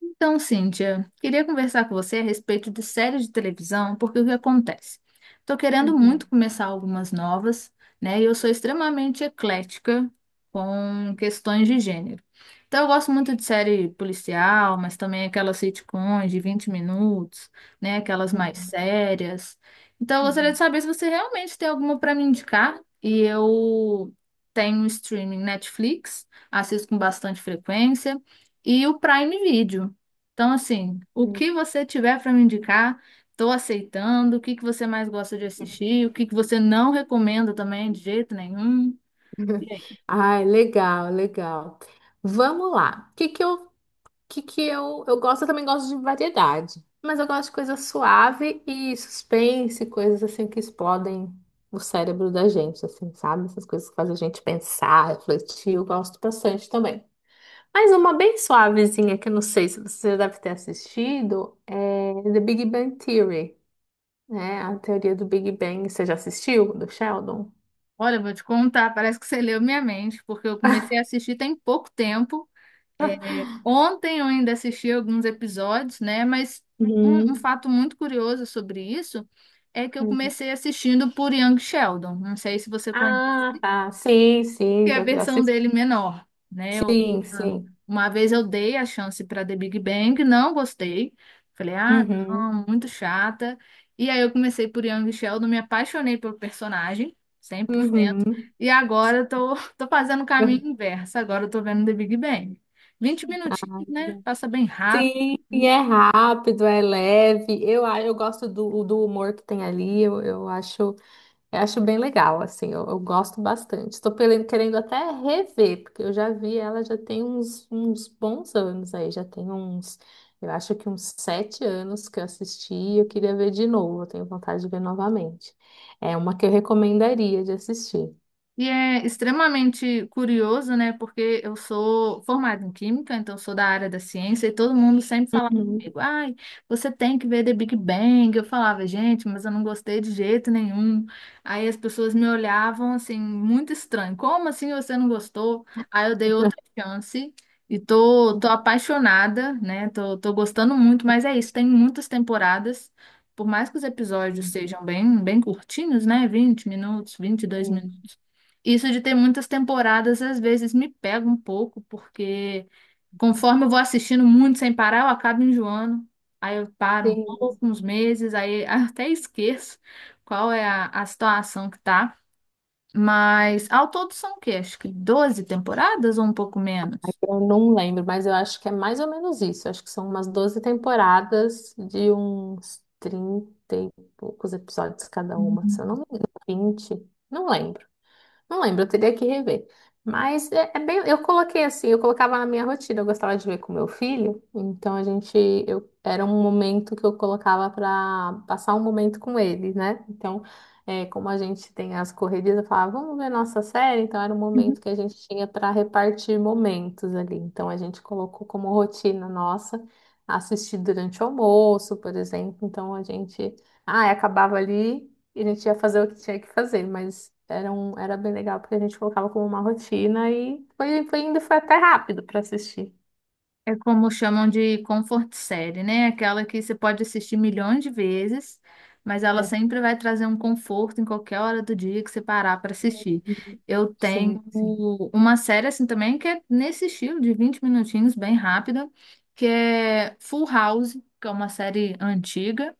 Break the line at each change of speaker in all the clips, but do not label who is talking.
Então, Cíntia, queria conversar com você a respeito de séries de televisão, porque o que acontece? Estou querendo
Uhum,
muito começar algumas novas, né? E eu sou extremamente eclética com questões de gênero. Então, eu gosto muito de série policial, mas também aquelas sitcoms de 20 minutos, né? Aquelas mais
uhum,
sérias. Então, eu gostaria de
uhum.
saber se você realmente tem alguma para me indicar. E eu tenho streaming Netflix, assisto com bastante frequência. E o Prime Video. Então, assim, o
Uhum.
que você tiver para me indicar, estou aceitando. O que que você mais gosta de assistir? O que que você não recomenda também, de jeito nenhum? E aí?
Ai, legal, legal. Vamos lá. O que que eu, Eu também gosto de variedade, mas eu gosto de coisa suave e suspense, coisas assim que explodem o cérebro da gente, assim, sabe? Essas coisas que fazem a gente pensar, refletir, eu gosto bastante também. Mas uma bem suavezinha que eu não sei se você já deve ter assistido é The Big Bang Theory, né? A teoria do Big Bang. Você já assistiu, do Sheldon?
Olha, eu vou te contar, parece que você leu minha mente, porque eu comecei a assistir tem pouco tempo. É, ontem eu ainda assisti alguns episódios, né? Mas um
Uhum.
fato muito curioso sobre isso é que eu
Uhum.
comecei assistindo por Young Sheldon. Não sei se você conhece,
Ah, tá. Sim,
que
sim,
é a
já
versão
assisti.
dele menor, né? Eu-
Sim,
ah,
sim.
uma vez eu dei a chance para The Big Bang, não gostei. Falei, ah,
Uhum.
não, muito chata. E aí eu comecei por Young Sheldon, me apaixonei pelo personagem, 100%.
Uhum.
E agora eu tô, tô fazendo o caminho inverso. Agora eu tô vendo The Big Bang, 20 minutinhos, né? Passa bem rápido,
Sim, e
assim.
é rápido, é leve. Eu gosto do humor que tem ali. Eu acho. Eu acho bem legal, assim, eu gosto bastante. Estou querendo até rever, porque eu já vi ela já tem uns bons anos aí, eu acho que uns 7 anos que eu assisti e eu queria ver de novo, eu tenho vontade de ver novamente. É uma que eu recomendaria de assistir.
E é extremamente curioso, né? Porque eu sou formada em química, então eu sou da área da ciência, e todo mundo sempre falava
Uhum.
comigo, ai, você tem que ver The Big Bang. Eu falava, gente, mas eu não gostei de jeito nenhum. Aí as pessoas me olhavam assim, muito estranho. Como assim você não gostou? Aí eu dei outra chance e tô apaixonada, né? Tô gostando muito, mas é isso, tem muitas temporadas. Por mais que os episódios sejam bem, bem curtinhos, né? Vinte minutos, vinte e dois
Sim.
minutos. Isso de ter muitas temporadas às vezes me pega um pouco, porque conforme eu vou assistindo muito sem parar, eu acabo enjoando. Aí eu paro um
Tem.
pouco, uns meses, aí até esqueço qual é a situação que tá. Mas ao todo são o quê? Acho que 12 temporadas ou um pouco menos?
Eu não lembro, mas eu acho que é mais ou menos isso. Eu acho que são umas 12 temporadas de uns 30 e poucos episódios cada uma. Se eu não me engano, 20, não lembro. Não lembro, eu teria que rever. Mas eu coloquei assim, eu colocava na minha rotina, eu gostava de ver com meu filho, então era um momento que eu colocava para passar um momento com ele, né? Então, como a gente tem as correrias, eu falava, vamos ver nossa série, então era um
Hum.
momento que a gente tinha para repartir momentos ali. Então a gente colocou como rotina nossa assistir durante o almoço, por exemplo. Então a gente, ah, acabava ali. E a gente ia fazer o que tinha que fazer, mas era bem legal, porque a gente colocava como uma rotina e foi indo, foi até rápido para assistir.
É como chamam de comfort série, né? Aquela que você pode assistir milhões de vezes, mas ela
É.
sempre vai trazer um conforto em qualquer hora do dia que você parar para assistir.
Uhum.
Eu
Sim,
tenho
sim.
uma série assim também que é nesse estilo de 20 minutinhos, bem rápida, que é Full House, que é uma série antiga.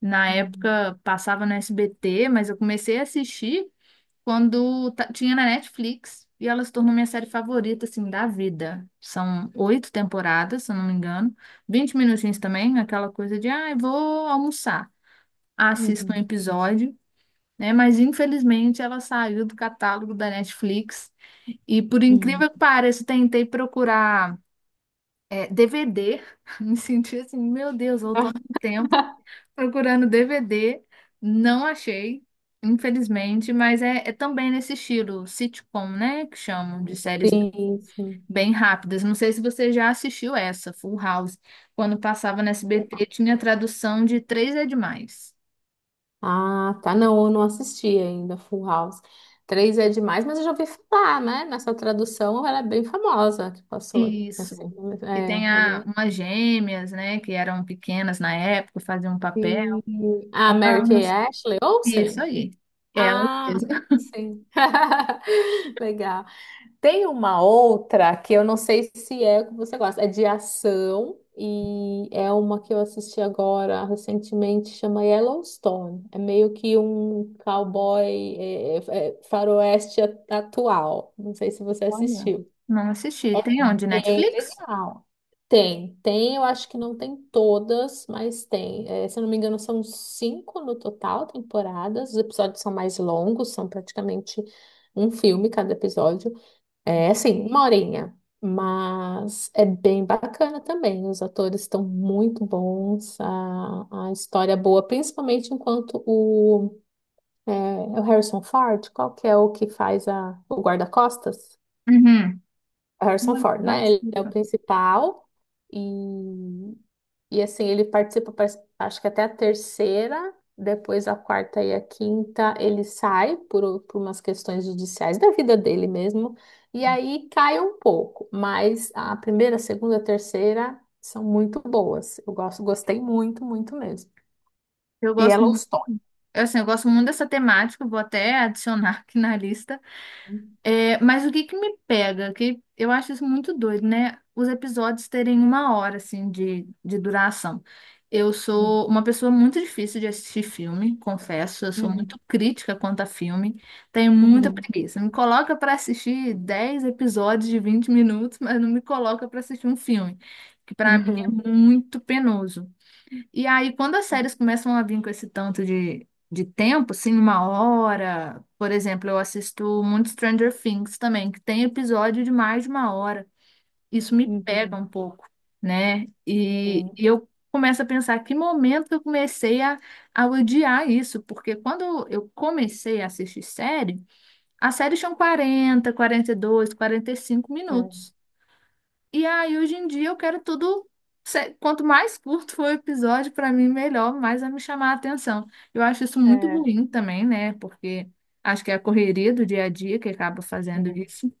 Na
Uhum.
época passava no SBT, mas eu comecei a assistir quando tinha na Netflix e ela se tornou minha série favorita, assim, da vida. São oito temporadas, se eu não me engano. Vinte minutinhos também, aquela coisa de, ah, eu vou almoçar. Ah, assisto um
Uhum.
episódio, né? Mas infelizmente ela saiu do catálogo da Netflix. E por
Uhum.
incrível que pareça, eu tentei procurar DVD. Me senti assim, meu Deus,
Ah,
voltando no tempo. Procurando DVD, não achei, infelizmente, mas é também nesse estilo sitcom, né? Que chamam de séries
sim, sim.
bem rápidas. Não sei se você já assistiu essa, Full House. Quando passava no SBT, tinha tradução de Três é Demais.
Ah, tá. Não, eu não assisti ainda Full House. Três é demais, mas eu já ouvi falar, né? Nessa tradução ela é bem famosa que passou. Assim,
Isso. E
é,
tem
é bem.
umas gêmeas, né? Que eram pequenas na época, faziam um papel.
Sim. Ah, Mary
Ah,
Kay
mas-
Ashley
Isso
Olsen?
aí. É, ela
Ah,
fez.
sim. Legal. Tem uma outra que eu não sei se é o que você gosta. É de ação e é uma que eu assisti agora recentemente, chama Yellowstone. É meio que um cowboy faroeste atual. Não sei se você
Olha,
assistiu.
não assisti. Tem onde?
É
Netflix?
legal. Tem, eu acho que não tem todas, mas tem. É, se eu não me engano, são 5 no total temporadas. Os episódios são mais longos, são praticamente um filme cada episódio. É assim, uma horinha. Mas é bem bacana também. Os atores estão muito bons, a história é boa, principalmente enquanto o, é, é o Harrison Ford, qual que é o que faz o guarda-costas?
Uhum.
Harrison
Não
Ford, né? Ele é o
participo.
principal e, e assim, ele participa, acho que até a terceira, depois a quarta e a quinta, ele sai por umas questões judiciais da vida dele mesmo, e aí cai um pouco, mas a primeira, a segunda, a terceira são muito boas. Gostei muito, muito mesmo.
Eu
E
gosto, mu-
Yellowstone.
assim, eu gosto muito dessa temática, vou até adicionar aqui na lista. É, mas o que que me pega, que eu acho isso muito doido, né? Os episódios terem uma hora, assim, de duração. Eu
Uhum.
sou uma pessoa muito difícil de assistir filme, confesso. Eu sou muito
Uhum.
crítica quanto a filme. Tenho muita
Uhum.
preguiça. Me coloca para assistir 10 episódios de 20 minutos, mas não me coloca para assistir um filme, que para mim é
Uhum.
muito penoso. E aí, quando as séries começam a vir com esse tanto de tempo, assim, uma hora, por exemplo, eu assisto muito Stranger Things também, que tem episódio de mais de uma hora. Isso me pega
Uhum.
um pouco, né? E,
Sim.
e eu começo a pensar que momento que eu comecei a odiar isso, porque quando eu comecei a assistir série, as séries tinham 42, 45 minutos. E aí, hoje em dia, eu quero tudo. Quanto mais curto for o episódio, para mim, melhor, mais vai me chamar a atenção. Eu acho isso muito
É.
ruim também, né? Porque acho que é a correria do dia a dia que acaba fazendo
É.
isso.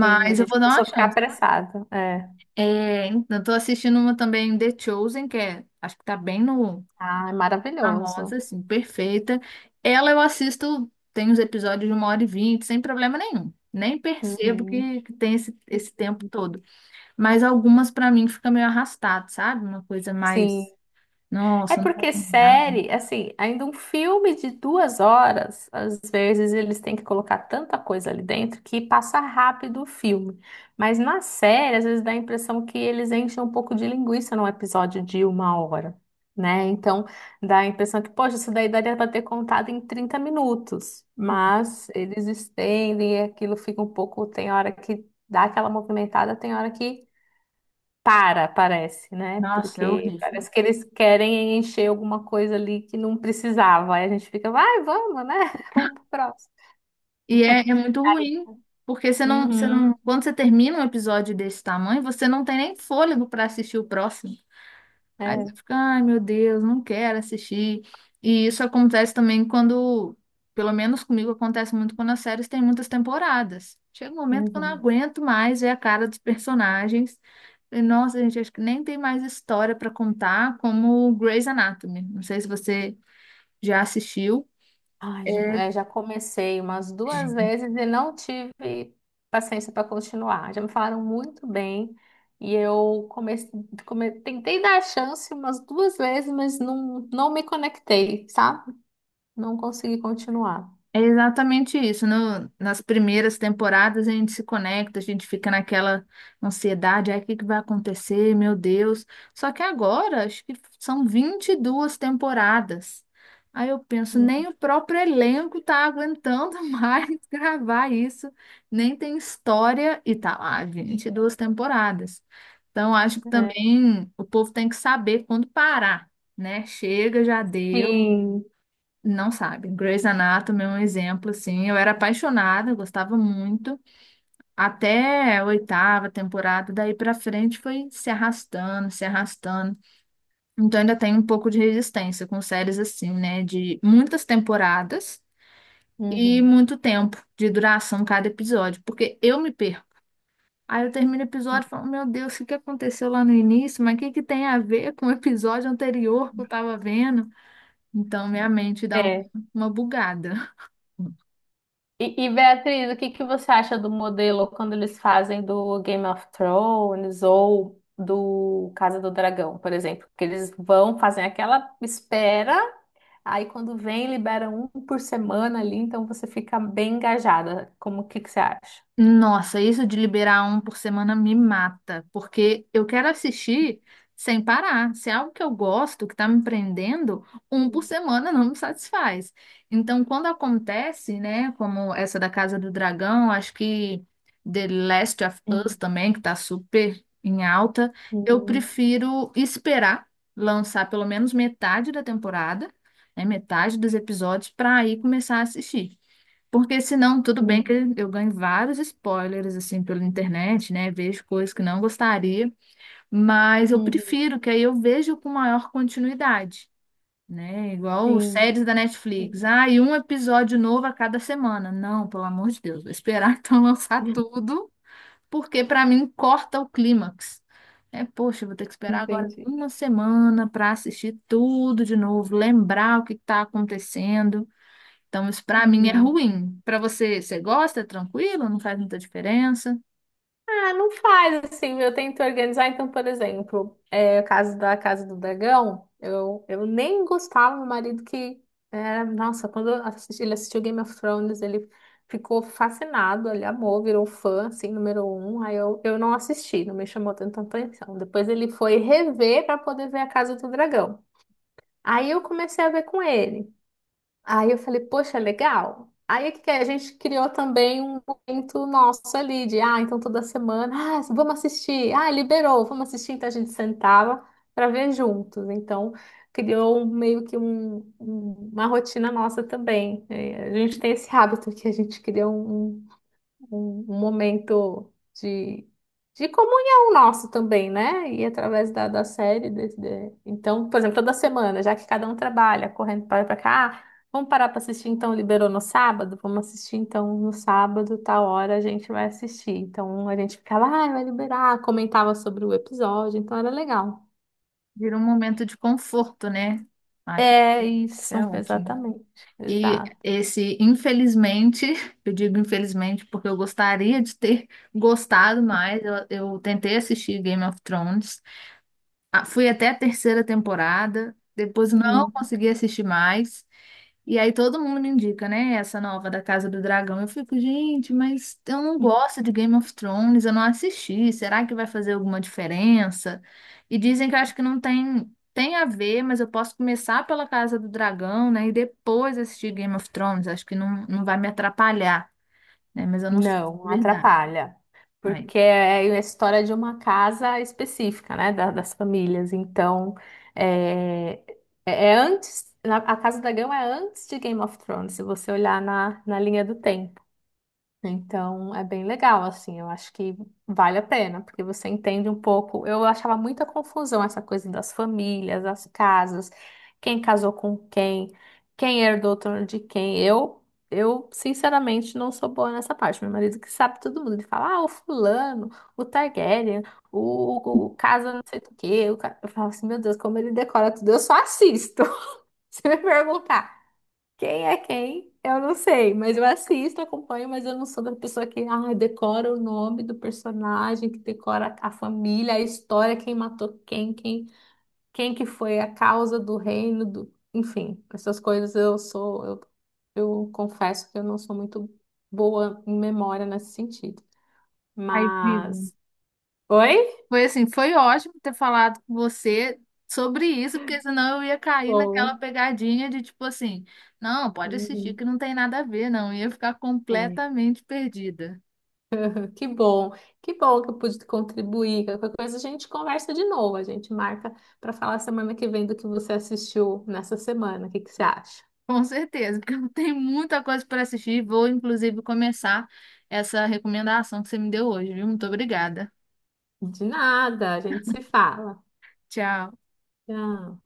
Sim, a
eu
gente
vou dar uma
começou a ficar
chance.
apressado. É.
Então tô assistindo uma também, The Chosen, que é, acho que tá bem no
Ah, é
famosa,
maravilhoso.
assim, perfeita. Ela eu assisto, tem uns episódios de uma hora e vinte, sem problema nenhum. Nem percebo
Uhum.
que tem esse tempo todo. Mas algumas pra mim fica meio arrastado, sabe? Uma coisa
Sim,
mais.
é
Nossa, não vai
porque
terminar.
série, assim, ainda um filme de 2 horas, às vezes eles têm que colocar tanta coisa ali dentro que passa rápido o filme. Mas na série, às vezes dá a impressão que eles enchem um pouco de linguiça num episódio de 1 hora, né? Então dá a impressão que, poxa, isso daí daria para ter contado em 30 minutos. Mas eles estendem e aquilo fica um pouco. Tem hora que dá aquela movimentada, tem hora que para, parece, né?
Nossa, é
Porque
horrível.
parece que eles querem encher alguma coisa ali que não precisava. Aí a gente fica, vai, vamos, né? Vamos pro próximo.
E é muito ruim, porque você não,
Uhum.
quando você termina um episódio desse tamanho, você não tem nem fôlego pra assistir o próximo. Aí você
É,
fica, ai meu Deus, não quero assistir. E isso acontece também quando, pelo menos comigo, acontece muito quando as séries têm muitas temporadas. Chega um momento que eu não
uhum.
aguento mais ver a cara dos personagens. E, nossa, gente, acho que nem tem mais história para contar, como Grey's Anatomy. Não sei se você já assistiu.
Ai, já comecei umas duas vezes e não tive paciência para continuar. Já me falaram muito bem e eu comecei, tentei dar a chance umas duas vezes, mas não, não me conectei, sabe? Não consegui continuar.
É exatamente isso. Nas primeiras temporadas a gente se conecta, a gente fica naquela ansiedade, aí o que que vai acontecer? Meu Deus. Só que agora, acho que são 22 temporadas. Aí eu penso, nem
Uhum.
o próprio elenco tá aguentando mais gravar isso, nem tem história e tá lá, 22 temporadas. Então acho que
É.
também o povo tem que saber quando parar, né? Chega, já deu.
Sim.
Não sabe. Grey's Anatomy é um exemplo, assim. Eu era apaixonada, eu gostava muito. Até a oitava temporada, daí pra frente foi se arrastando, se arrastando. Então ainda tem um pouco de resistência com séries assim, né? De muitas temporadas e
Uhum.
muito tempo de duração cada episódio. Porque eu me perco. Aí eu termino o episódio e falo, meu Deus, o que que aconteceu lá no início? Mas o que que tem a ver com o episódio anterior que eu tava vendo? Então minha mente dá
É.
uma bugada.
E, Beatriz, o que que você acha do modelo quando eles fazem do Game of Thrones ou do Casa do Dragão, por exemplo? Que eles vão fazer aquela espera, aí quando vem, liberam um por semana ali, então você fica bem engajada. Como o que que você acha?
Nossa, isso de liberar um por semana me mata, porque eu quero assistir sem parar. Se é algo que eu gosto, que está me prendendo, um por semana não me satisfaz. Então, quando acontece, né, como essa da Casa do Dragão, acho que The Last of Us
Uhum,
também, que está super em alta, eu
uhum,
prefiro esperar lançar pelo menos metade da temporada, né, metade dos episódios, para aí começar a assistir. Porque senão, tudo bem que
uhum,
eu ganho vários spoilers, assim, pela internet, né? Vejo coisas que não gostaria, mas eu
uhum.
prefiro que aí eu vejo com maior continuidade, né? Igual
Sim,
séries da
sim.
Netflix. Ah, e um episódio novo a cada semana. Não, pelo amor de Deus, vou esperar então lançar tudo, porque para mim corta o clímax. É, poxa, eu vou ter que esperar agora
Entendi.
uma semana para assistir tudo de novo, lembrar o que está acontecendo. Então, isso para mim é
Uhum.
ruim. Para você, você gosta? É tranquilo? Não faz muita diferença?
Ah, não faz assim, eu tento organizar. Então, por exemplo, o caso da Casa do Dragão, eu nem gostava, meu marido que nossa, quando eu ele assistiu Game of Thrones, ele ficou fascinado, ele amou, virou fã, assim, número um. Aí eu não assisti, não me chamou tanta atenção. Depois ele foi rever para poder ver a Casa do Dragão. Aí eu comecei a ver com ele. Aí eu falei, poxa, legal. Aí o que que é? A gente criou também um momento nosso ali de, ah, então toda semana, ah, vamos assistir, ah, liberou, vamos assistir, então a gente sentava para ver juntos. Então criou meio que uma rotina nossa também. É. A gente tem esse hábito que a gente cria um momento de, de comunhão nosso também, né? E através da série. Então, por exemplo, toda semana, já que cada um trabalha, correndo para lá e para cá, ah, vamos parar para assistir então, liberou no sábado? Vamos assistir então no sábado, tal hora a gente vai assistir. Então a gente ficava, ah, vai liberar, comentava sobre o episódio, então era legal.
Vira um momento de conforto, né? Acho que
É
isso é
isso,
ótimo.
exatamente,
E
exato.
esse, infelizmente, eu digo infelizmente porque eu gostaria de ter gostado mais. Eu tentei assistir Game of Thrones. Ah, fui até a terceira temporada, depois não
Uhum.
consegui assistir mais. E aí todo mundo me indica, né? Essa nova da Casa do Dragão. Eu fico, gente, mas eu não gosto de Game of Thrones, eu não assisti. Será que vai fazer alguma diferença? E dizem que eu acho que não tem a ver, mas eu posso começar pela Casa do Dragão, né? E depois assistir Game of Thrones. Acho que não, não vai me atrapalhar, né? Mas eu não sei
Não,
se é
não
verdade.
atrapalha.
Aí,
Porque é a história de uma casa específica, né? Das famílias. Então, é, é antes. A Casa da Dragão é antes de Game of Thrones, se você olhar na linha do, então é bem legal, assim, eu acho que vale a pena, porque você entende um pouco. Eu achava muita confusão essa coisa das famílias, das casas, quem casou com quem, quem herdou o trono de quem. Eu sinceramente não sou boa nessa parte. Meu marido que sabe todo mundo, ele fala, ah, o fulano, o Targaryen, o casa não sei do quê. Eu falo assim, meu Deus, como ele decora tudo, eu só assisto. Se me perguntar. Quem é quem? Eu não sei, mas eu assisto, acompanho, mas eu não sou da pessoa que ah, decora o nome do personagem, que decora a família, a história, quem matou quem, que foi a causa do reino, enfim, essas coisas eu confesso que eu não sou muito boa em memória nesse sentido.
aí, vivo.
Mas, oi?
Foi assim, foi ótimo ter falado com você sobre isso, porque senão eu ia cair naquela
Bom.
pegadinha de tipo assim, não, pode assistir
Uhum.
que não tem nada a ver, não. Eu ia ficar
É.
completamente perdida.
Que bom, que bom que eu pude contribuir. Qualquer coisa a gente conversa de novo, a gente marca para falar semana que vem do que você assistiu nessa semana. O que que você acha?
Com certeza, porque eu tenho muita coisa para assistir. Vou, inclusive, começar essa recomendação que você me deu hoje, viu? Muito obrigada.
De nada, a gente se fala.
Tchau.
Tchau.